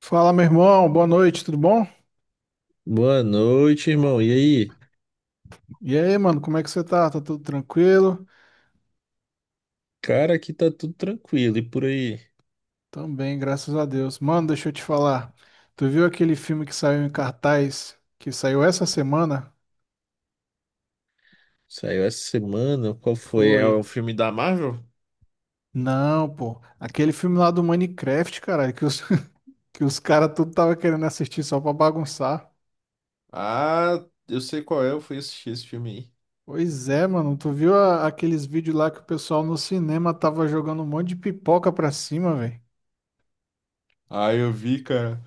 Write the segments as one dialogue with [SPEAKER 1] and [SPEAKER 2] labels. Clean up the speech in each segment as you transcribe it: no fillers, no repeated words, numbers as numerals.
[SPEAKER 1] Fala, meu irmão, boa noite, tudo bom?
[SPEAKER 2] Boa noite, irmão. E aí?
[SPEAKER 1] E aí, mano, como é que você tá? Tá tudo tranquilo?
[SPEAKER 2] Cara, aqui tá tudo tranquilo. E por aí?
[SPEAKER 1] Também, graças a Deus. Mano, deixa eu te falar. Tu viu aquele filme que saiu em cartaz, que saiu essa semana?
[SPEAKER 2] Saiu essa semana? Qual foi? É
[SPEAKER 1] Foi.
[SPEAKER 2] o filme da Marvel?
[SPEAKER 1] Não, pô. Aquele filme lá do Minecraft, caralho, que os caras tudo tava querendo assistir só pra bagunçar.
[SPEAKER 2] Ah, eu sei qual é. Eu fui assistir esse filme aí.
[SPEAKER 1] Pois é, mano, tu viu aqueles vídeos lá que o pessoal no cinema tava jogando um monte de pipoca pra cima, velho?
[SPEAKER 2] Ah, eu vi, cara.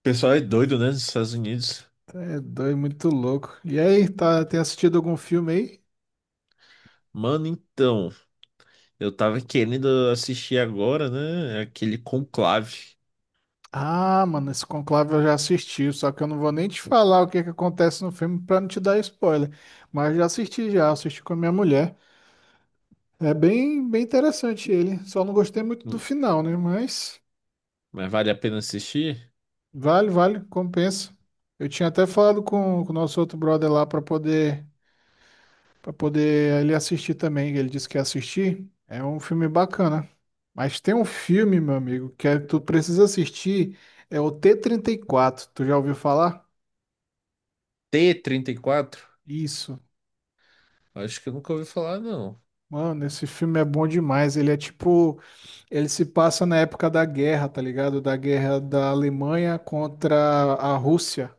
[SPEAKER 2] O pessoal é doido, né? Nos Estados Unidos.
[SPEAKER 1] É doido, muito louco. E aí, tá, tem assistido algum filme aí?
[SPEAKER 2] Mano, então. Eu tava querendo assistir agora, né? Aquele Conclave.
[SPEAKER 1] Ah, mano, esse Conclave eu já assisti, só que eu não vou nem te falar o que que acontece no filme pra não te dar spoiler. Mas já assisti com a minha mulher. É bem, bem interessante ele. Só não gostei muito do
[SPEAKER 2] Hum.
[SPEAKER 1] final, né? Mas
[SPEAKER 2] Mas vale a pena assistir?
[SPEAKER 1] vale, vale, compensa. Eu tinha até falado com o nosso outro brother lá pra poder para poder ele assistir também. Ele disse que ia assistir. É um filme bacana. Mas tem um filme, meu amigo, tu precisa assistir. É o t 34. Tu já ouviu falar?
[SPEAKER 2] T-34.
[SPEAKER 1] Isso.
[SPEAKER 2] Acho que eu nunca ouvi falar, não.
[SPEAKER 1] Mano, esse filme é bom demais. Ele se passa na época da guerra, tá ligado? Da guerra da Alemanha contra a Rússia.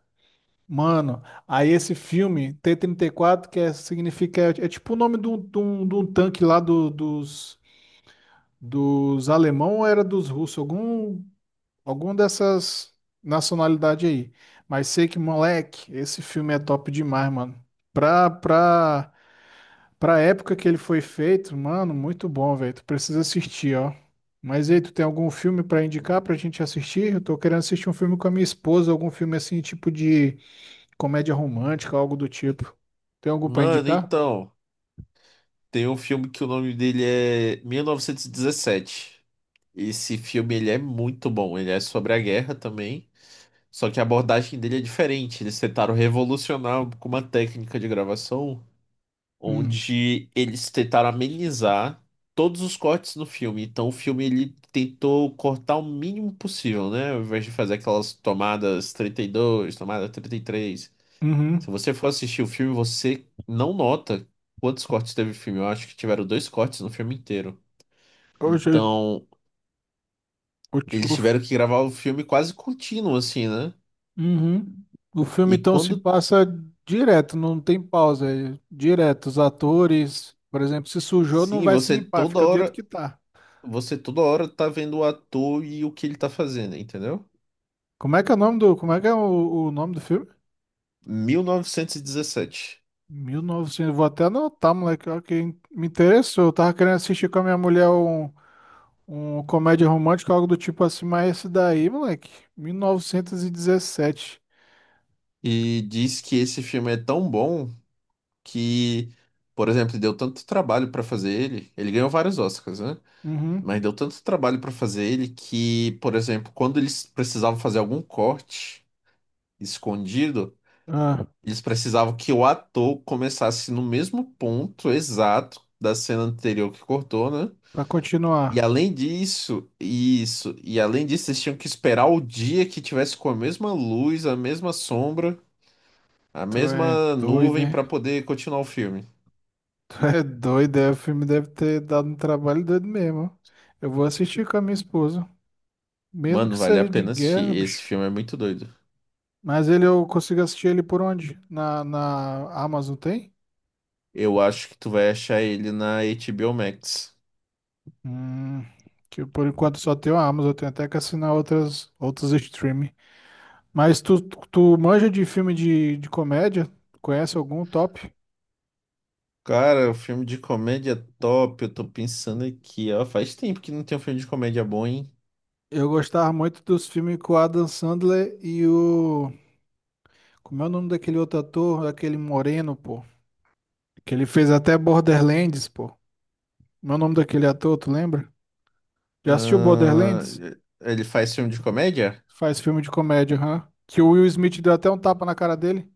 [SPEAKER 1] Mano, aí esse filme, T-34, significa, é tipo o nome de de um tanque dos, dos alemão ou era dos russos? Algum, algum dessas nacionalidade aí. Mas sei que, moleque, esse filme é top demais, mano. Pra, pra Pra época que ele foi feito, mano, muito bom, velho. Tu precisa assistir, ó. Mas e aí, tu tem algum filme pra indicar pra gente assistir? Eu tô querendo assistir um filme com a minha esposa, algum filme assim, tipo de comédia romântica, algo do tipo. Tem algum pra
[SPEAKER 2] Mano,
[SPEAKER 1] indicar?
[SPEAKER 2] então. Tem um filme que o nome dele é 1917. Esse filme ele é muito bom. Ele é sobre a guerra também, só que a abordagem dele é diferente. Eles tentaram revolucionar com uma técnica de gravação
[SPEAKER 1] Hum.
[SPEAKER 2] onde eles tentaram amenizar todos os cortes no filme. Então o filme ele tentou cortar o mínimo possível, né? Ao invés de fazer aquelas tomadas 32, tomada 33,
[SPEAKER 1] Uhum.
[SPEAKER 2] se você for assistir o filme, você não nota quantos cortes teve o filme. Eu acho que tiveram dois cortes no filme inteiro.
[SPEAKER 1] Hoje, eu,
[SPEAKER 2] Então,
[SPEAKER 1] o. ti-
[SPEAKER 2] eles
[SPEAKER 1] o,
[SPEAKER 2] tiveram que gravar o filme quase contínuo, assim, né?
[SPEAKER 1] Uhum. O filme
[SPEAKER 2] E
[SPEAKER 1] então se
[SPEAKER 2] quando...
[SPEAKER 1] passa direto, não tem pausa, é direto. Os atores, por exemplo, se sujou, não
[SPEAKER 2] Sim,
[SPEAKER 1] vai se
[SPEAKER 2] você
[SPEAKER 1] limpar,
[SPEAKER 2] toda
[SPEAKER 1] fica do jeito
[SPEAKER 2] hora.
[SPEAKER 1] que tá.
[SPEAKER 2] Você toda hora tá vendo o ator e o que ele tá fazendo, entendeu?
[SPEAKER 1] Como é que é o nome do, como é que é o nome do filme?
[SPEAKER 2] 1917.
[SPEAKER 1] 1900, vou até anotar, moleque, ó, que me interessou. Eu tava querendo assistir com a minha mulher um comédia romântica, algo do tipo assim, mas esse daí, moleque, 1917.
[SPEAKER 2] E dezessete. E diz que esse filme é tão bom que, por exemplo, deu tanto trabalho pra fazer ele. Ele ganhou vários Oscars, né? Mas
[SPEAKER 1] Uhum.
[SPEAKER 2] deu tanto trabalho para fazer ele que, por exemplo, quando eles precisavam fazer algum corte escondido,
[SPEAKER 1] Ah,
[SPEAKER 2] eles precisavam que o ator começasse no mesmo ponto exato da cena anterior que cortou, né?
[SPEAKER 1] pra
[SPEAKER 2] E
[SPEAKER 1] continuar.
[SPEAKER 2] além disso, isso, e além disso, eles tinham que esperar o dia que tivesse com a mesma luz, a mesma sombra, a
[SPEAKER 1] Tu é
[SPEAKER 2] mesma
[SPEAKER 1] doido,
[SPEAKER 2] nuvem
[SPEAKER 1] hein?
[SPEAKER 2] para poder continuar o filme.
[SPEAKER 1] Tu é doido, é, o filme deve ter dado um trabalho doido mesmo. Eu vou assistir com a minha esposa, mesmo
[SPEAKER 2] Mano,
[SPEAKER 1] que
[SPEAKER 2] vale a
[SPEAKER 1] seja de
[SPEAKER 2] pena assistir.
[SPEAKER 1] guerra,
[SPEAKER 2] Esse
[SPEAKER 1] bicho.
[SPEAKER 2] filme é muito doido.
[SPEAKER 1] Mas ele eu consigo assistir ele por onde? Na Amazon tem?
[SPEAKER 2] Eu acho que tu vai achar ele na HBO Max.
[SPEAKER 1] Hum, que por enquanto só tem a Amazon, eu tenho até que assinar outras outros streaming. Mas tu manja de filme de comédia? Conhece algum top?
[SPEAKER 2] Cara, o filme de comédia é top. Eu tô pensando aqui, ó. Faz tempo que não tem um filme de comédia bom, hein?
[SPEAKER 1] Eu gostava muito dos filmes com o Adam Sandler e o. Como é o nome daquele outro ator? Aquele moreno, pô. Que ele fez até Borderlands, pô. Meu nome daquele ator, tu lembra? Já assistiu
[SPEAKER 2] Ah,
[SPEAKER 1] Borderlands?
[SPEAKER 2] ele faz filme de comédia?
[SPEAKER 1] Faz filme de comédia, hã? Que o Will Smith deu até um tapa na cara dele.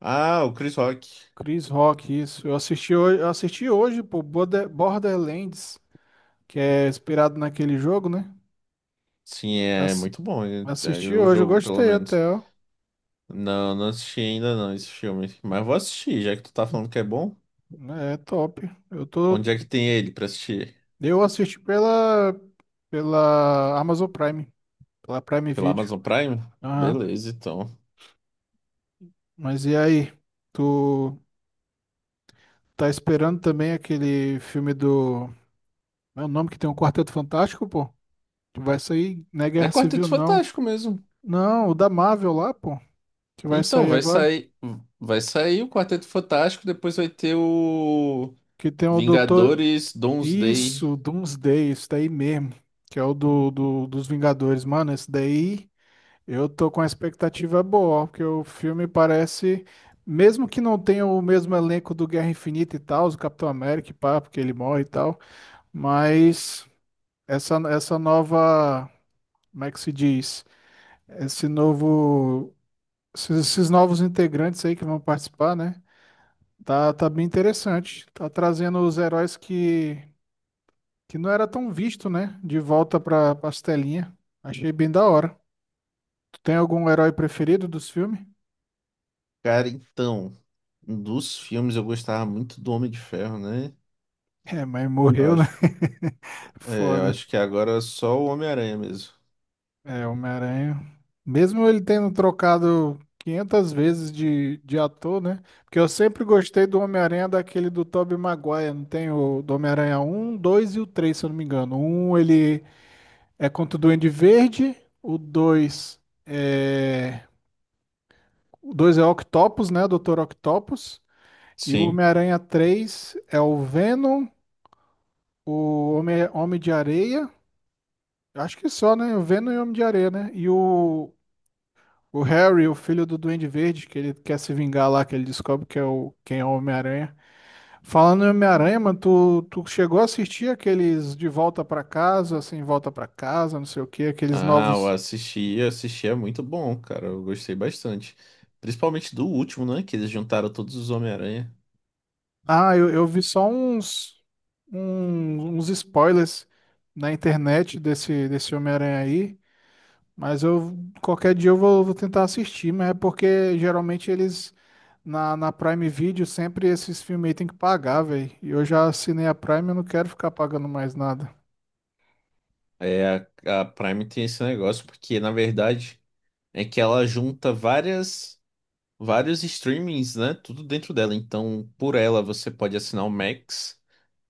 [SPEAKER 2] Ah, o Chris Rock.
[SPEAKER 1] Chris Rock, isso. Eu assisti hoje, pô, Borderlands, que é inspirado naquele jogo, né?
[SPEAKER 2] Sim, é
[SPEAKER 1] Ass-
[SPEAKER 2] muito bom. É, é
[SPEAKER 1] assisti
[SPEAKER 2] o
[SPEAKER 1] hoje, eu
[SPEAKER 2] jogo, pelo
[SPEAKER 1] gostei
[SPEAKER 2] menos.
[SPEAKER 1] até, ó.
[SPEAKER 2] Não, não assisti ainda não esse filme. Mas vou assistir, já que tu tá falando que é bom.
[SPEAKER 1] É top. Eu tô,
[SPEAKER 2] Onde é que tem ele pra assistir?
[SPEAKER 1] eu assisti pela Amazon Prime, pela Prime
[SPEAKER 2] Pela
[SPEAKER 1] Video.
[SPEAKER 2] Amazon Prime?
[SPEAKER 1] Aham.
[SPEAKER 2] Beleza, então.
[SPEAKER 1] Mas e aí? Tu Tá esperando também aquele filme do. É o nome que tem um Quarteto Fantástico, pô? Que vai sair, não é
[SPEAKER 2] É
[SPEAKER 1] Guerra Civil,
[SPEAKER 2] Quarteto
[SPEAKER 1] não.
[SPEAKER 2] Fantástico mesmo.
[SPEAKER 1] Não, o da Marvel lá, pô. Que vai
[SPEAKER 2] Então,
[SPEAKER 1] sair
[SPEAKER 2] vai
[SPEAKER 1] agora.
[SPEAKER 2] sair. Vai sair o Quarteto Fantástico, depois vai ter o...
[SPEAKER 1] Que tem o Doutor.
[SPEAKER 2] Vingadores, Doomsday.
[SPEAKER 1] Isso, Doomsday, isso daí mesmo. Que é o dos Vingadores. Mano, esse daí eu tô com a expectativa boa, ó, porque o filme parece. Mesmo que não tenha o mesmo elenco do Guerra Infinita e tal, o Capitão América, e pá, porque ele morre e tal. Mas essa nova como é que se diz? Esse novo, esses novos integrantes aí que vão participar, né? Tá bem interessante. Tá trazendo os heróis que não era tão visto, né? De volta pra pastelinha. Achei bem da hora. Tu tem algum herói preferido dos filmes?
[SPEAKER 2] Cara, então, um dos filmes eu gostava muito do Homem de Ferro, né?
[SPEAKER 1] É, mas
[SPEAKER 2] Eu
[SPEAKER 1] morreu, né?
[SPEAKER 2] acho, é, eu
[SPEAKER 1] Foda.
[SPEAKER 2] acho que agora é só o Homem-Aranha mesmo.
[SPEAKER 1] É, Homem-Aranha. Mesmo ele tendo trocado 500 vezes de ator, né? Porque eu sempre gostei do Homem-Aranha daquele do Tobey Maguire. Não tem o do Homem-Aranha um, 2 e o 3, se eu não me engano. Um ele é contra o Duende Verde. O 2 é... O 2 é Octopus, né? Doutor Octopus. E o
[SPEAKER 2] Sim.
[SPEAKER 1] Homem-Aranha 3 é o Venom, Homem de Areia. Acho que só, né? O Venom e o Homem de Areia, né? O Harry, o filho do Duende Verde, que ele quer se vingar lá, que ele descobre que quem é o Homem-Aranha. Falando em Homem-Aranha, mano, tu chegou a assistir aqueles De Volta Pra Casa, assim, Volta Pra Casa, não sei o quê, aqueles
[SPEAKER 2] Ah, eu
[SPEAKER 1] novos.
[SPEAKER 2] assisti. É muito bom, cara. Eu gostei bastante. Principalmente do último, né? Que eles juntaram todos os Homem-Aranha.
[SPEAKER 1] Eu vi só uns spoilers na internet desse Homem-Aranha aí. Mas eu qualquer dia eu vou tentar assistir, mas é porque geralmente eles na Prime Video sempre esses filmes aí tem que pagar, velho. E eu já assinei a Prime, eu não quero ficar pagando mais nada.
[SPEAKER 2] É, a Prime tem esse negócio, porque na verdade é que ela junta várias, vários streamings, né? Tudo dentro dela. Então, por ela, você pode assinar o Max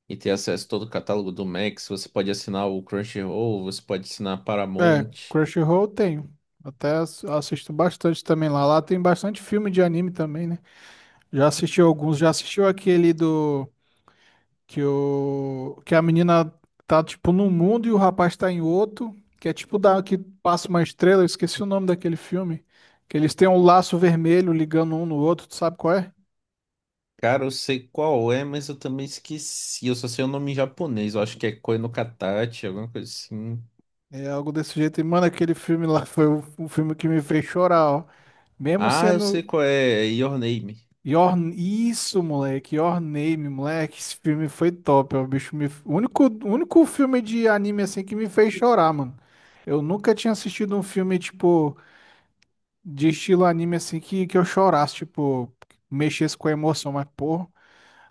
[SPEAKER 2] e ter acesso a todo o catálogo do Max. Você pode assinar o Crunchyroll, você pode assinar a
[SPEAKER 1] É,
[SPEAKER 2] Paramount.
[SPEAKER 1] Crunchyroll eu tenho. Até assisto bastante também lá. Lá tem bastante filme de anime também, né? Já assistiu alguns, já assistiu aquele que a menina tá, tipo, num mundo e o rapaz tá em outro. Que é tipo da, que passa uma estrela, eu esqueci o nome daquele filme. Que eles têm um laço vermelho ligando um no outro, tu sabe qual é?
[SPEAKER 2] Cara, eu sei qual é, mas eu também esqueci. Eu só sei o nome em japonês. Eu acho que é Koi no Katachi, alguma coisa assim.
[SPEAKER 1] É algo desse jeito. E, mano, aquele filme lá foi o filme que me fez chorar, ó. Mesmo
[SPEAKER 2] Ah, eu sei
[SPEAKER 1] sendo.
[SPEAKER 2] qual é. É Your Name.
[SPEAKER 1] Your... Isso, moleque. Your Name, moleque. Esse filme foi top, ó. O bicho me... o único filme de anime assim que me fez chorar, mano. Eu nunca tinha assistido um filme, tipo. De estilo anime assim que eu chorasse, tipo, mexesse com a emoção, mas pô,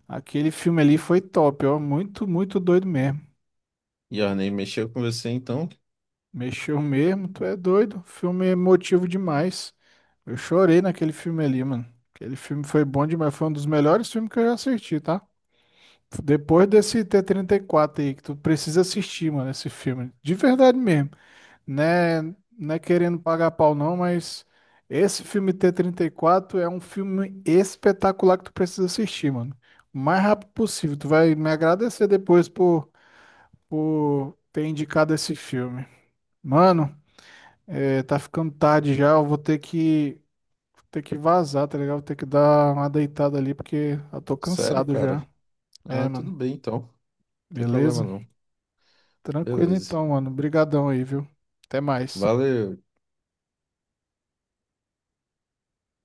[SPEAKER 1] aquele filme ali foi top, ó, muito, muito doido mesmo.
[SPEAKER 2] Your Name mexeu com você, então?
[SPEAKER 1] Mexeu mesmo, tu é doido, filme emotivo demais. Eu chorei naquele filme ali, mano. Aquele filme foi bom demais, foi um dos melhores filmes que eu já assisti, tá? Depois desse T-34 aí, que tu precisa assistir, mano, esse filme. De verdade mesmo. Né, não é querendo pagar pau não, mas esse filme t 34 é um filme espetacular que tu precisa assistir, mano. O mais rápido possível. Tu vai me agradecer depois por ter indicado esse filme. Mano, é, tá ficando tarde já, eu vou ter ter que vazar, tá ligado? Vou ter que dar uma deitada ali porque eu tô
[SPEAKER 2] Sério,
[SPEAKER 1] cansado já.
[SPEAKER 2] cara?
[SPEAKER 1] É,
[SPEAKER 2] Ah, tudo
[SPEAKER 1] mano.
[SPEAKER 2] bem, então. Não tem problema,
[SPEAKER 1] Beleza?
[SPEAKER 2] não.
[SPEAKER 1] Tranquilo
[SPEAKER 2] Beleza.
[SPEAKER 1] então, mano. Brigadão aí, viu? Até mais.
[SPEAKER 2] Valeu.